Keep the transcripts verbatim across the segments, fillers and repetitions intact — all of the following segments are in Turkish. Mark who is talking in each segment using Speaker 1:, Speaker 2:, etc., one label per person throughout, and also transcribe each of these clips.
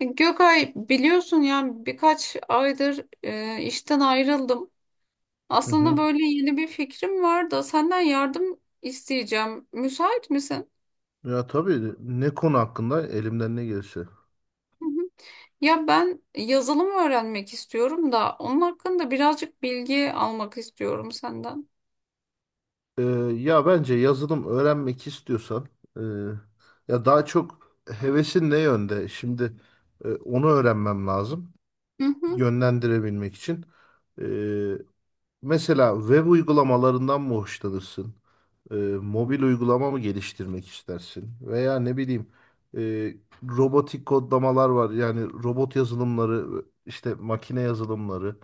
Speaker 1: Gökay biliyorsun yani birkaç aydır e, işten ayrıldım.
Speaker 2: Hı
Speaker 1: Aslında
Speaker 2: hı.
Speaker 1: böyle yeni bir fikrim var da senden yardım isteyeceğim. Müsait misin?
Speaker 2: Ya tabii ne konu hakkında elimden ne gelirse.
Speaker 1: Hı hı. Ya ben yazılım öğrenmek istiyorum da onun hakkında birazcık bilgi almak istiyorum senden.
Speaker 2: Ee, ya bence yazılım öğrenmek istiyorsan e, ya daha çok hevesin ne yönde? Şimdi e, onu öğrenmem lazım
Speaker 1: Hı hı.
Speaker 2: yönlendirebilmek için. Ee, Mesela web uygulamalarından mı hoşlanırsın? Ee, mobil uygulama mı geliştirmek istersin? Veya ne bileyim e, robotik kodlamalar var. Yani robot yazılımları, işte makine yazılımları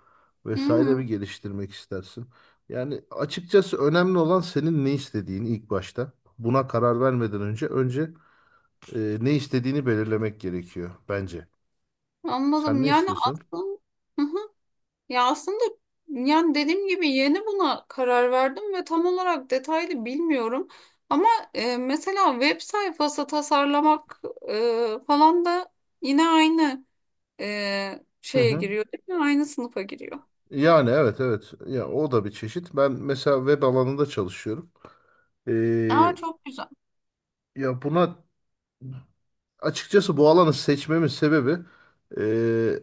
Speaker 2: vesaire mi
Speaker 1: Hı.
Speaker 2: geliştirmek istersin? Yani açıkçası önemli olan senin ne istediğin ilk başta. Buna karar vermeden önce önce e, ne istediğini belirlemek gerekiyor bence. Sen
Speaker 1: Anladım.
Speaker 2: ne
Speaker 1: Yani
Speaker 2: istiyorsun?
Speaker 1: aslında ya aslında yani dediğim gibi yeni buna karar verdim ve tam olarak detaylı bilmiyorum. Ama e, mesela web sayfası tasarlamak e, falan da yine aynı e,
Speaker 2: Hı
Speaker 1: şeye
Speaker 2: hı.
Speaker 1: giriyor, değil mi? Aynı sınıfa giriyor.
Speaker 2: Yani evet evet. Ya o da bir çeşit. Ben mesela web alanında çalışıyorum.
Speaker 1: Aa,
Speaker 2: Ee,
Speaker 1: çok güzel.
Speaker 2: ya buna açıkçası bu alanı seçmemin sebebi ee,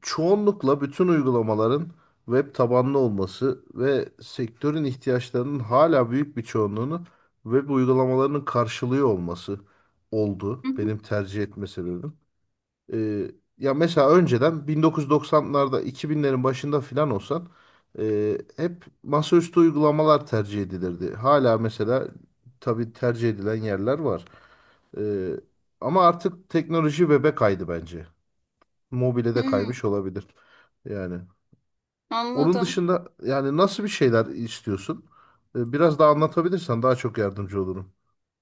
Speaker 2: çoğunlukla bütün uygulamaların web tabanlı olması ve sektörün ihtiyaçlarının hala büyük bir çoğunluğunu web uygulamalarının karşılıyor olması oldu
Speaker 1: Hı hı.
Speaker 2: benim tercih etme sebebim. Ee, ya mesela önceden bin dokuz yüz doksanlarda iki binlerin başında filan olsan e, hep masaüstü uygulamalar tercih edilirdi. Hala mesela tabii tercih edilen yerler var. Ee, ama artık teknoloji web'e kaydı bence. Mobile de
Speaker 1: Hı,
Speaker 2: kaymış olabilir. Yani onun
Speaker 1: anladım.
Speaker 2: dışında yani nasıl bir şeyler istiyorsun? Ee, biraz daha anlatabilirsen daha çok yardımcı olurum.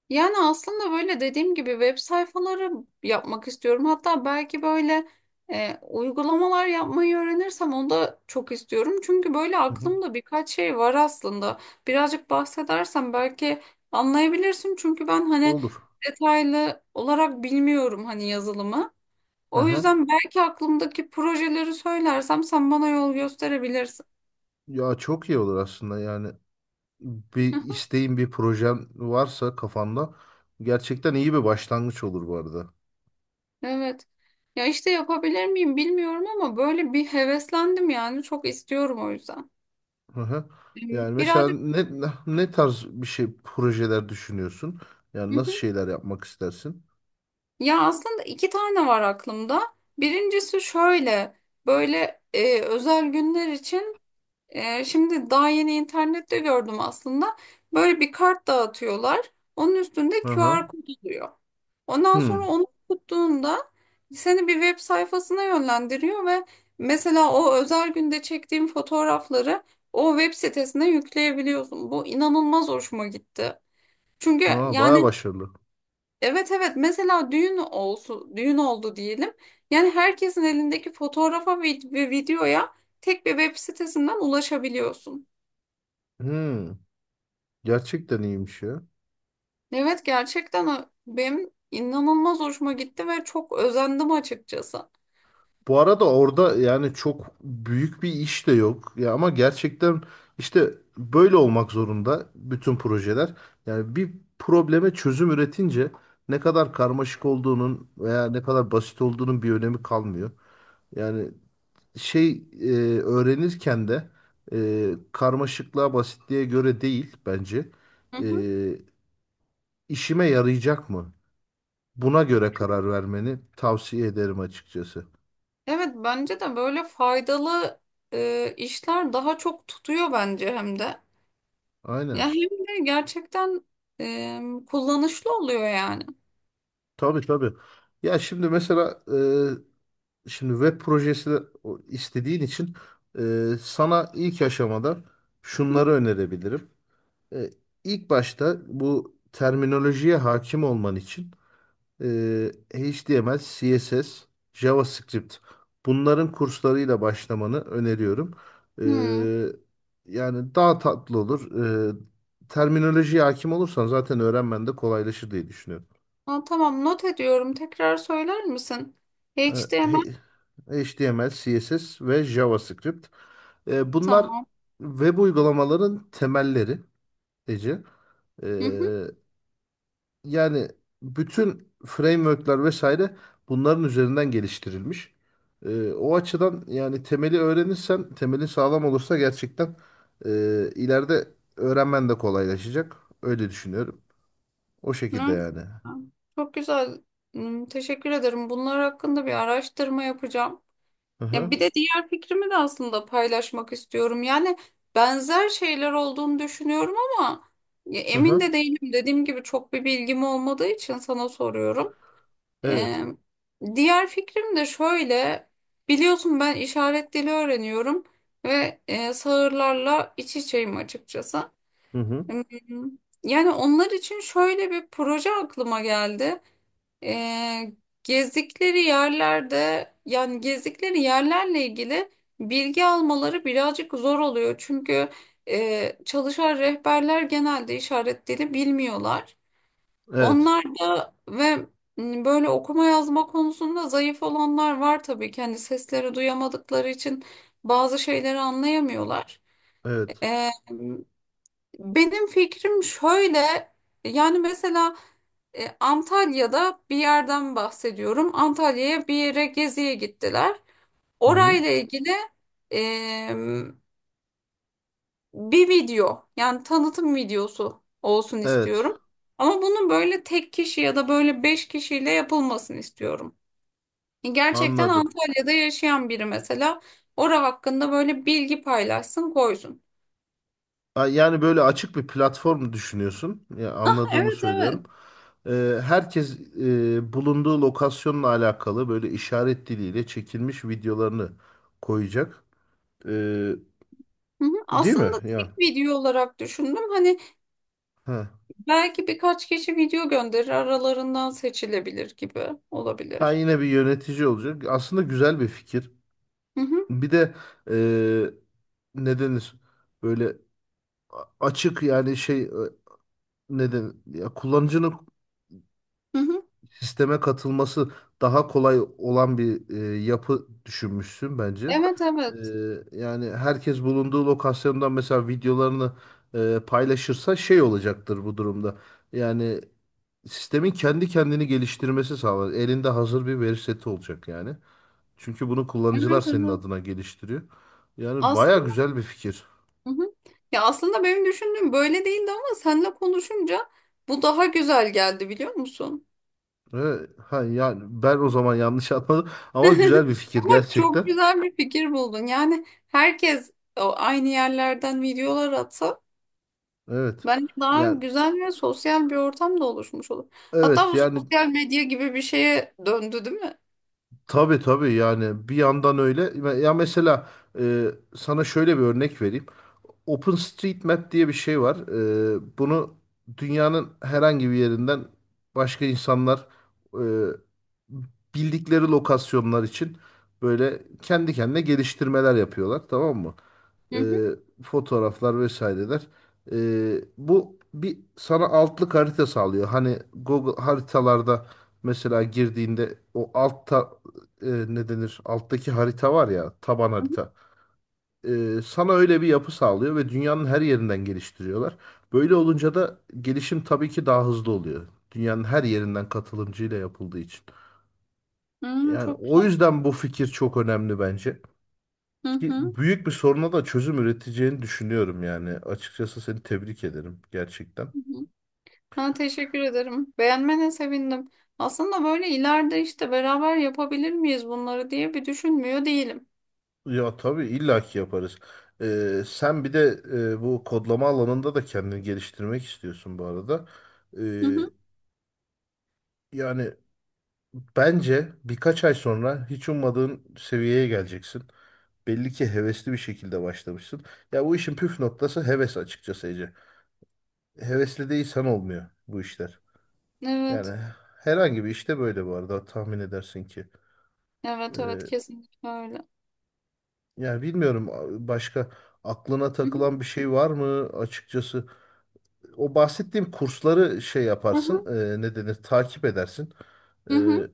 Speaker 1: Yani aslında böyle dediğim gibi web sayfaları yapmak istiyorum. Hatta belki böyle e, uygulamalar yapmayı öğrenirsem onu da çok istiyorum. Çünkü böyle
Speaker 2: Hı hı.
Speaker 1: aklımda birkaç şey var aslında. Birazcık bahsedersem belki anlayabilirsin. Çünkü ben hani
Speaker 2: Olur.
Speaker 1: detaylı olarak bilmiyorum hani yazılımı. O
Speaker 2: Aha.
Speaker 1: yüzden belki aklımdaki projeleri söylersem sen bana yol gösterebilirsin.
Speaker 2: Ya çok iyi olur aslında yani. bir isteğin, bir projen varsa kafanda gerçekten iyi bir başlangıç olur bu arada.
Speaker 1: Evet. Ya işte yapabilir miyim bilmiyorum ama böyle bir heveslendim yani çok istiyorum o yüzden.
Speaker 2: Hı hı.
Speaker 1: Hmm,
Speaker 2: Yani mesela
Speaker 1: Birazcık.
Speaker 2: ne ne tarz bir şey projeler düşünüyorsun? Yani
Speaker 1: Hı
Speaker 2: nasıl
Speaker 1: hı.
Speaker 2: şeyler yapmak istersin?
Speaker 1: Ya aslında iki tane var aklımda. Birincisi şöyle, böyle e, özel günler için, e, şimdi daha yeni internette gördüm aslında. Böyle bir kart dağıtıyorlar. Onun üstünde
Speaker 2: Hı hı.
Speaker 1: Q R kod oluyor. Ondan sonra
Speaker 2: Hmm.
Speaker 1: onu tuttuğunda seni bir web sayfasına yönlendiriyor ve mesela o özel günde çektiğim fotoğrafları o web sitesine yükleyebiliyorsun. Bu inanılmaz hoşuma gitti. Çünkü
Speaker 2: Aa, bayağı
Speaker 1: yani
Speaker 2: başarılı.
Speaker 1: evet evet, mesela düğün olsun, düğün oldu diyelim. Yani herkesin elindeki fotoğrafa vid- ve videoya tek bir web sitesinden ulaşabiliyorsun.
Speaker 2: Hı. Gerçekten iyiymiş ya.
Speaker 1: Evet, gerçekten benim inanılmaz hoşuma gitti ve çok özendim açıkçası.
Speaker 2: Bu arada orada yani çok büyük bir iş de yok. Ya ama gerçekten işte böyle olmak zorunda bütün projeler. Yani bir probleme çözüm üretince ne kadar karmaşık olduğunun veya ne kadar basit olduğunun bir önemi kalmıyor. Yani şey e, öğrenirken de e, karmaşıklığa basitliğe göre değil bence.
Speaker 1: Hı
Speaker 2: E,
Speaker 1: hı.
Speaker 2: işime yarayacak mı? Buna göre karar vermeni tavsiye ederim açıkçası.
Speaker 1: Evet, bence de böyle faydalı e, işler daha çok tutuyor bence hem de. Ya
Speaker 2: Aynen.
Speaker 1: hem de gerçekten e, kullanışlı oluyor yani.
Speaker 2: Tabii tabii. Ya şimdi mesela e, şimdi web projesi de- o- istediğin için e, sana ilk aşamada
Speaker 1: Hı
Speaker 2: şunları önerebilirim. E, ilk başta bu terminolojiye hakim olman için e, H T M L, C S S, JavaScript bunların kurslarıyla başlamanı öneriyorum.
Speaker 1: hı. Hı.
Speaker 2: E, yani daha tatlı olur. E, terminolojiye hakim olursan zaten öğrenmen de kolaylaşır diye düşünüyorum.
Speaker 1: Aa, tamam, not ediyorum. Tekrar söyler misin?
Speaker 2: E,
Speaker 1: H T M L,
Speaker 2: he- H T M L, C S S ve JavaScript. E, bunlar
Speaker 1: tamam.
Speaker 2: web uygulamaların temelleri Ece. E,
Speaker 1: Hı hı.
Speaker 2: yani bütün frameworkler vesaire bunların üzerinden geliştirilmiş. E, o açıdan yani temeli öğrenirsen, temeli sağlam olursa gerçekten e, ileride öğrenmen de kolaylaşacak. Öyle düşünüyorum. O şekilde
Speaker 1: Evet.
Speaker 2: yani.
Speaker 1: Çok güzel. Hı, teşekkür ederim. Bunlar hakkında bir araştırma yapacağım.
Speaker 2: Hı
Speaker 1: Ya
Speaker 2: hı.
Speaker 1: bir de diğer fikrimi de aslında paylaşmak istiyorum. Yani benzer şeyler olduğunu düşünüyorum ama ya
Speaker 2: Hı
Speaker 1: emin
Speaker 2: hı.
Speaker 1: de değilim. Dediğim gibi çok bir bilgim olmadığı için sana soruyorum.
Speaker 2: Evet.
Speaker 1: Ee, diğer fikrim de şöyle. Biliyorsun ben işaret dili öğreniyorum ve e, sağırlarla iç içeyim açıkçası.
Speaker 2: Hı hı.
Speaker 1: Hmm, Yani onlar için şöyle bir proje aklıma geldi. Ee, gezdikleri yerlerde, yani gezdikleri yerlerle ilgili bilgi almaları birazcık zor oluyor. Çünkü e, çalışan rehberler genelde işaret dili bilmiyorlar.
Speaker 2: Evet.
Speaker 1: Onlar da ve m, böyle okuma yazma konusunda zayıf olanlar var tabii ki. Hani sesleri duyamadıkları için bazı şeyleri anlayamıyorlar.
Speaker 2: Evet.
Speaker 1: Ee, benim fikrim şöyle, yani mesela e, Antalya'da bir yerden bahsediyorum. Antalya'ya bir yere geziye gittiler.
Speaker 2: Hı hı.
Speaker 1: Orayla ilgili e, bir video, yani tanıtım videosu olsun
Speaker 2: Evet.
Speaker 1: istiyorum. Ama bunun böyle tek kişi ya da böyle beş kişiyle yapılmasını istiyorum. E, gerçekten
Speaker 2: Anladım.
Speaker 1: Antalya'da yaşayan biri mesela orası hakkında böyle bilgi paylaşsın, koysun.
Speaker 2: Ha, yani böyle açık bir platform düşünüyorsun. Ya, anladığımı
Speaker 1: Evet,
Speaker 2: söylüyorum.
Speaker 1: evet.
Speaker 2: Ee, herkes e, bulunduğu lokasyonla alakalı böyle işaret diliyle çekilmiş videolarını koyacak. Ee,
Speaker 1: Hı hı.
Speaker 2: değil mi?
Speaker 1: Aslında
Speaker 2: Ya.
Speaker 1: tek video olarak düşündüm. Hani
Speaker 2: Ha.
Speaker 1: belki birkaç kişi video gönderir, aralarından seçilebilir gibi
Speaker 2: Ha
Speaker 1: olabilir.
Speaker 2: yine bir yönetici olacak. Aslında güzel bir fikir.
Speaker 1: Hı hı,
Speaker 2: Bir de e, ne denir? Böyle a- açık yani şey e, neden ya kullanıcının
Speaker 1: hı hı.
Speaker 2: sisteme katılması daha kolay olan bir e, yapı düşünmüşsün bence.
Speaker 1: Evet,
Speaker 2: E,
Speaker 1: evet.
Speaker 2: yani herkes bulunduğu lokasyondan mesela videolarını e, paylaşırsa şey olacaktır bu durumda. Yani sistemin kendi kendini geliştirmesi sağlar. Elinde hazır bir veri seti olacak yani. Çünkü bunu kullanıcılar
Speaker 1: Evet,
Speaker 2: senin
Speaker 1: evet.
Speaker 2: adına geliştiriyor. Yani baya
Speaker 1: Aslında,
Speaker 2: güzel bir fikir.
Speaker 1: hı hı. Ya aslında benim düşündüğüm böyle değildi ama seninle konuşunca bu daha güzel geldi, biliyor musun?
Speaker 2: Ve, ha, yani ben o zaman yanlış anladım ama güzel bir fikir
Speaker 1: Ama çok
Speaker 2: gerçekten.
Speaker 1: güzel bir fikir buldun. Yani herkes o aynı yerlerden videolar atsa
Speaker 2: Evet.
Speaker 1: bence daha
Speaker 2: Yani
Speaker 1: güzel ve sosyal bir ortam da oluşmuş olur. Hatta
Speaker 2: evet
Speaker 1: bu
Speaker 2: yani
Speaker 1: sosyal medya gibi bir şeye döndü, değil mi?
Speaker 2: tabii tabii yani bir yandan öyle. Ya mesela e, sana şöyle bir örnek vereyim. OpenStreetMap diye bir şey var. E, bunu dünyanın herhangi bir yerinden başka insanlar e, bildikleri lokasyonlar için böyle kendi kendine geliştirmeler yapıyorlar, tamam mı?
Speaker 1: Hı
Speaker 2: e,
Speaker 1: hı.
Speaker 2: fotoğraflar vesaireler. E, bu bir sana altlık harita sağlıyor. Hani Google haritalarda mesela girdiğinde o altta e, ne denir? Alttaki harita var ya taban
Speaker 1: Hı
Speaker 2: harita. E, sana öyle bir yapı sağlıyor ve dünyanın her yerinden geliştiriyorlar. Böyle olunca da gelişim tabii ki daha hızlı oluyor. Dünyanın her yerinden katılımcıyla yapıldığı için.
Speaker 1: hı. Hı,
Speaker 2: Yani
Speaker 1: çok.
Speaker 2: o yüzden bu fikir çok önemli bence.
Speaker 1: Hı
Speaker 2: Ki
Speaker 1: hı.
Speaker 2: büyük bir soruna da çözüm üreteceğini düşünüyorum yani. Açıkçası seni tebrik ederim gerçekten.
Speaker 1: Hı hı. Ben teşekkür ederim. Beğenmene sevindim. Aslında böyle ileride işte beraber yapabilir miyiz bunları diye bir düşünmüyor değilim.
Speaker 2: Ya tabii illaki yaparız. Ee, sen bir de e, bu kodlama alanında da kendini geliştirmek istiyorsun bu arada. Ee,
Speaker 1: Hı hı.
Speaker 2: yani bence birkaç ay sonra hiç ummadığın seviyeye geleceksin. Belli ki hevesli bir şekilde başlamışsın. Ya bu işin püf noktası heves açıkçası Ece. Hevesli değilsen olmuyor bu işler.
Speaker 1: Evet.
Speaker 2: Yani herhangi bir işte böyle bu arada tahmin edersin ki.
Speaker 1: Evet evet, kesinlikle öyle.
Speaker 2: Yani bilmiyorum a- başka aklına
Speaker 1: Hı hı.
Speaker 2: takılan bir şey var mı açıkçası? O bahsettiğim kursları şey yaparsın, e, ne denir, takip edersin. E,
Speaker 1: Hı hı. Hı.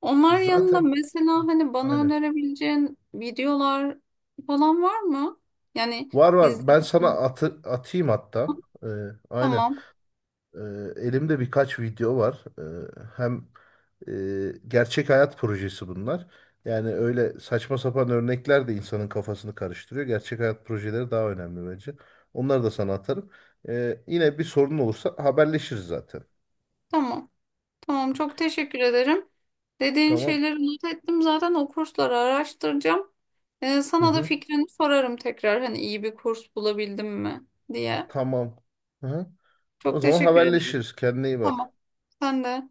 Speaker 1: Onlar yanında
Speaker 2: zaten
Speaker 1: mesela hani bana
Speaker 2: aynen.
Speaker 1: önerebileceğin videolar falan var mı? Yani
Speaker 2: Var var. Ben sana
Speaker 1: izlersin.
Speaker 2: atı, atayım hatta. E, aynen.
Speaker 1: Tamam.
Speaker 2: Ee, elimde birkaç video var. Ee, hem e, gerçek hayat projesi bunlar. Yani öyle saçma sapan örnekler de insanın kafasını karıştırıyor. Gerçek hayat projeleri daha önemli bence. Onları da sana atarım. Ee, yine bir sorun olursa haberleşiriz zaten.
Speaker 1: Tamam. Tamam, çok teşekkür ederim. Dediğin
Speaker 2: Tamam.
Speaker 1: şeyleri not ettim. Zaten o kursları araştıracağım. Ee,
Speaker 2: Hı
Speaker 1: sana da
Speaker 2: hı.
Speaker 1: fikrini sorarım tekrar, hani iyi bir kurs bulabildim mi diye.
Speaker 2: Tamam. Hı hı. O
Speaker 1: Çok
Speaker 2: zaman
Speaker 1: teşekkür ederim.
Speaker 2: haberleşiriz. Kendine iyi bak.
Speaker 1: Tamam. Sen de.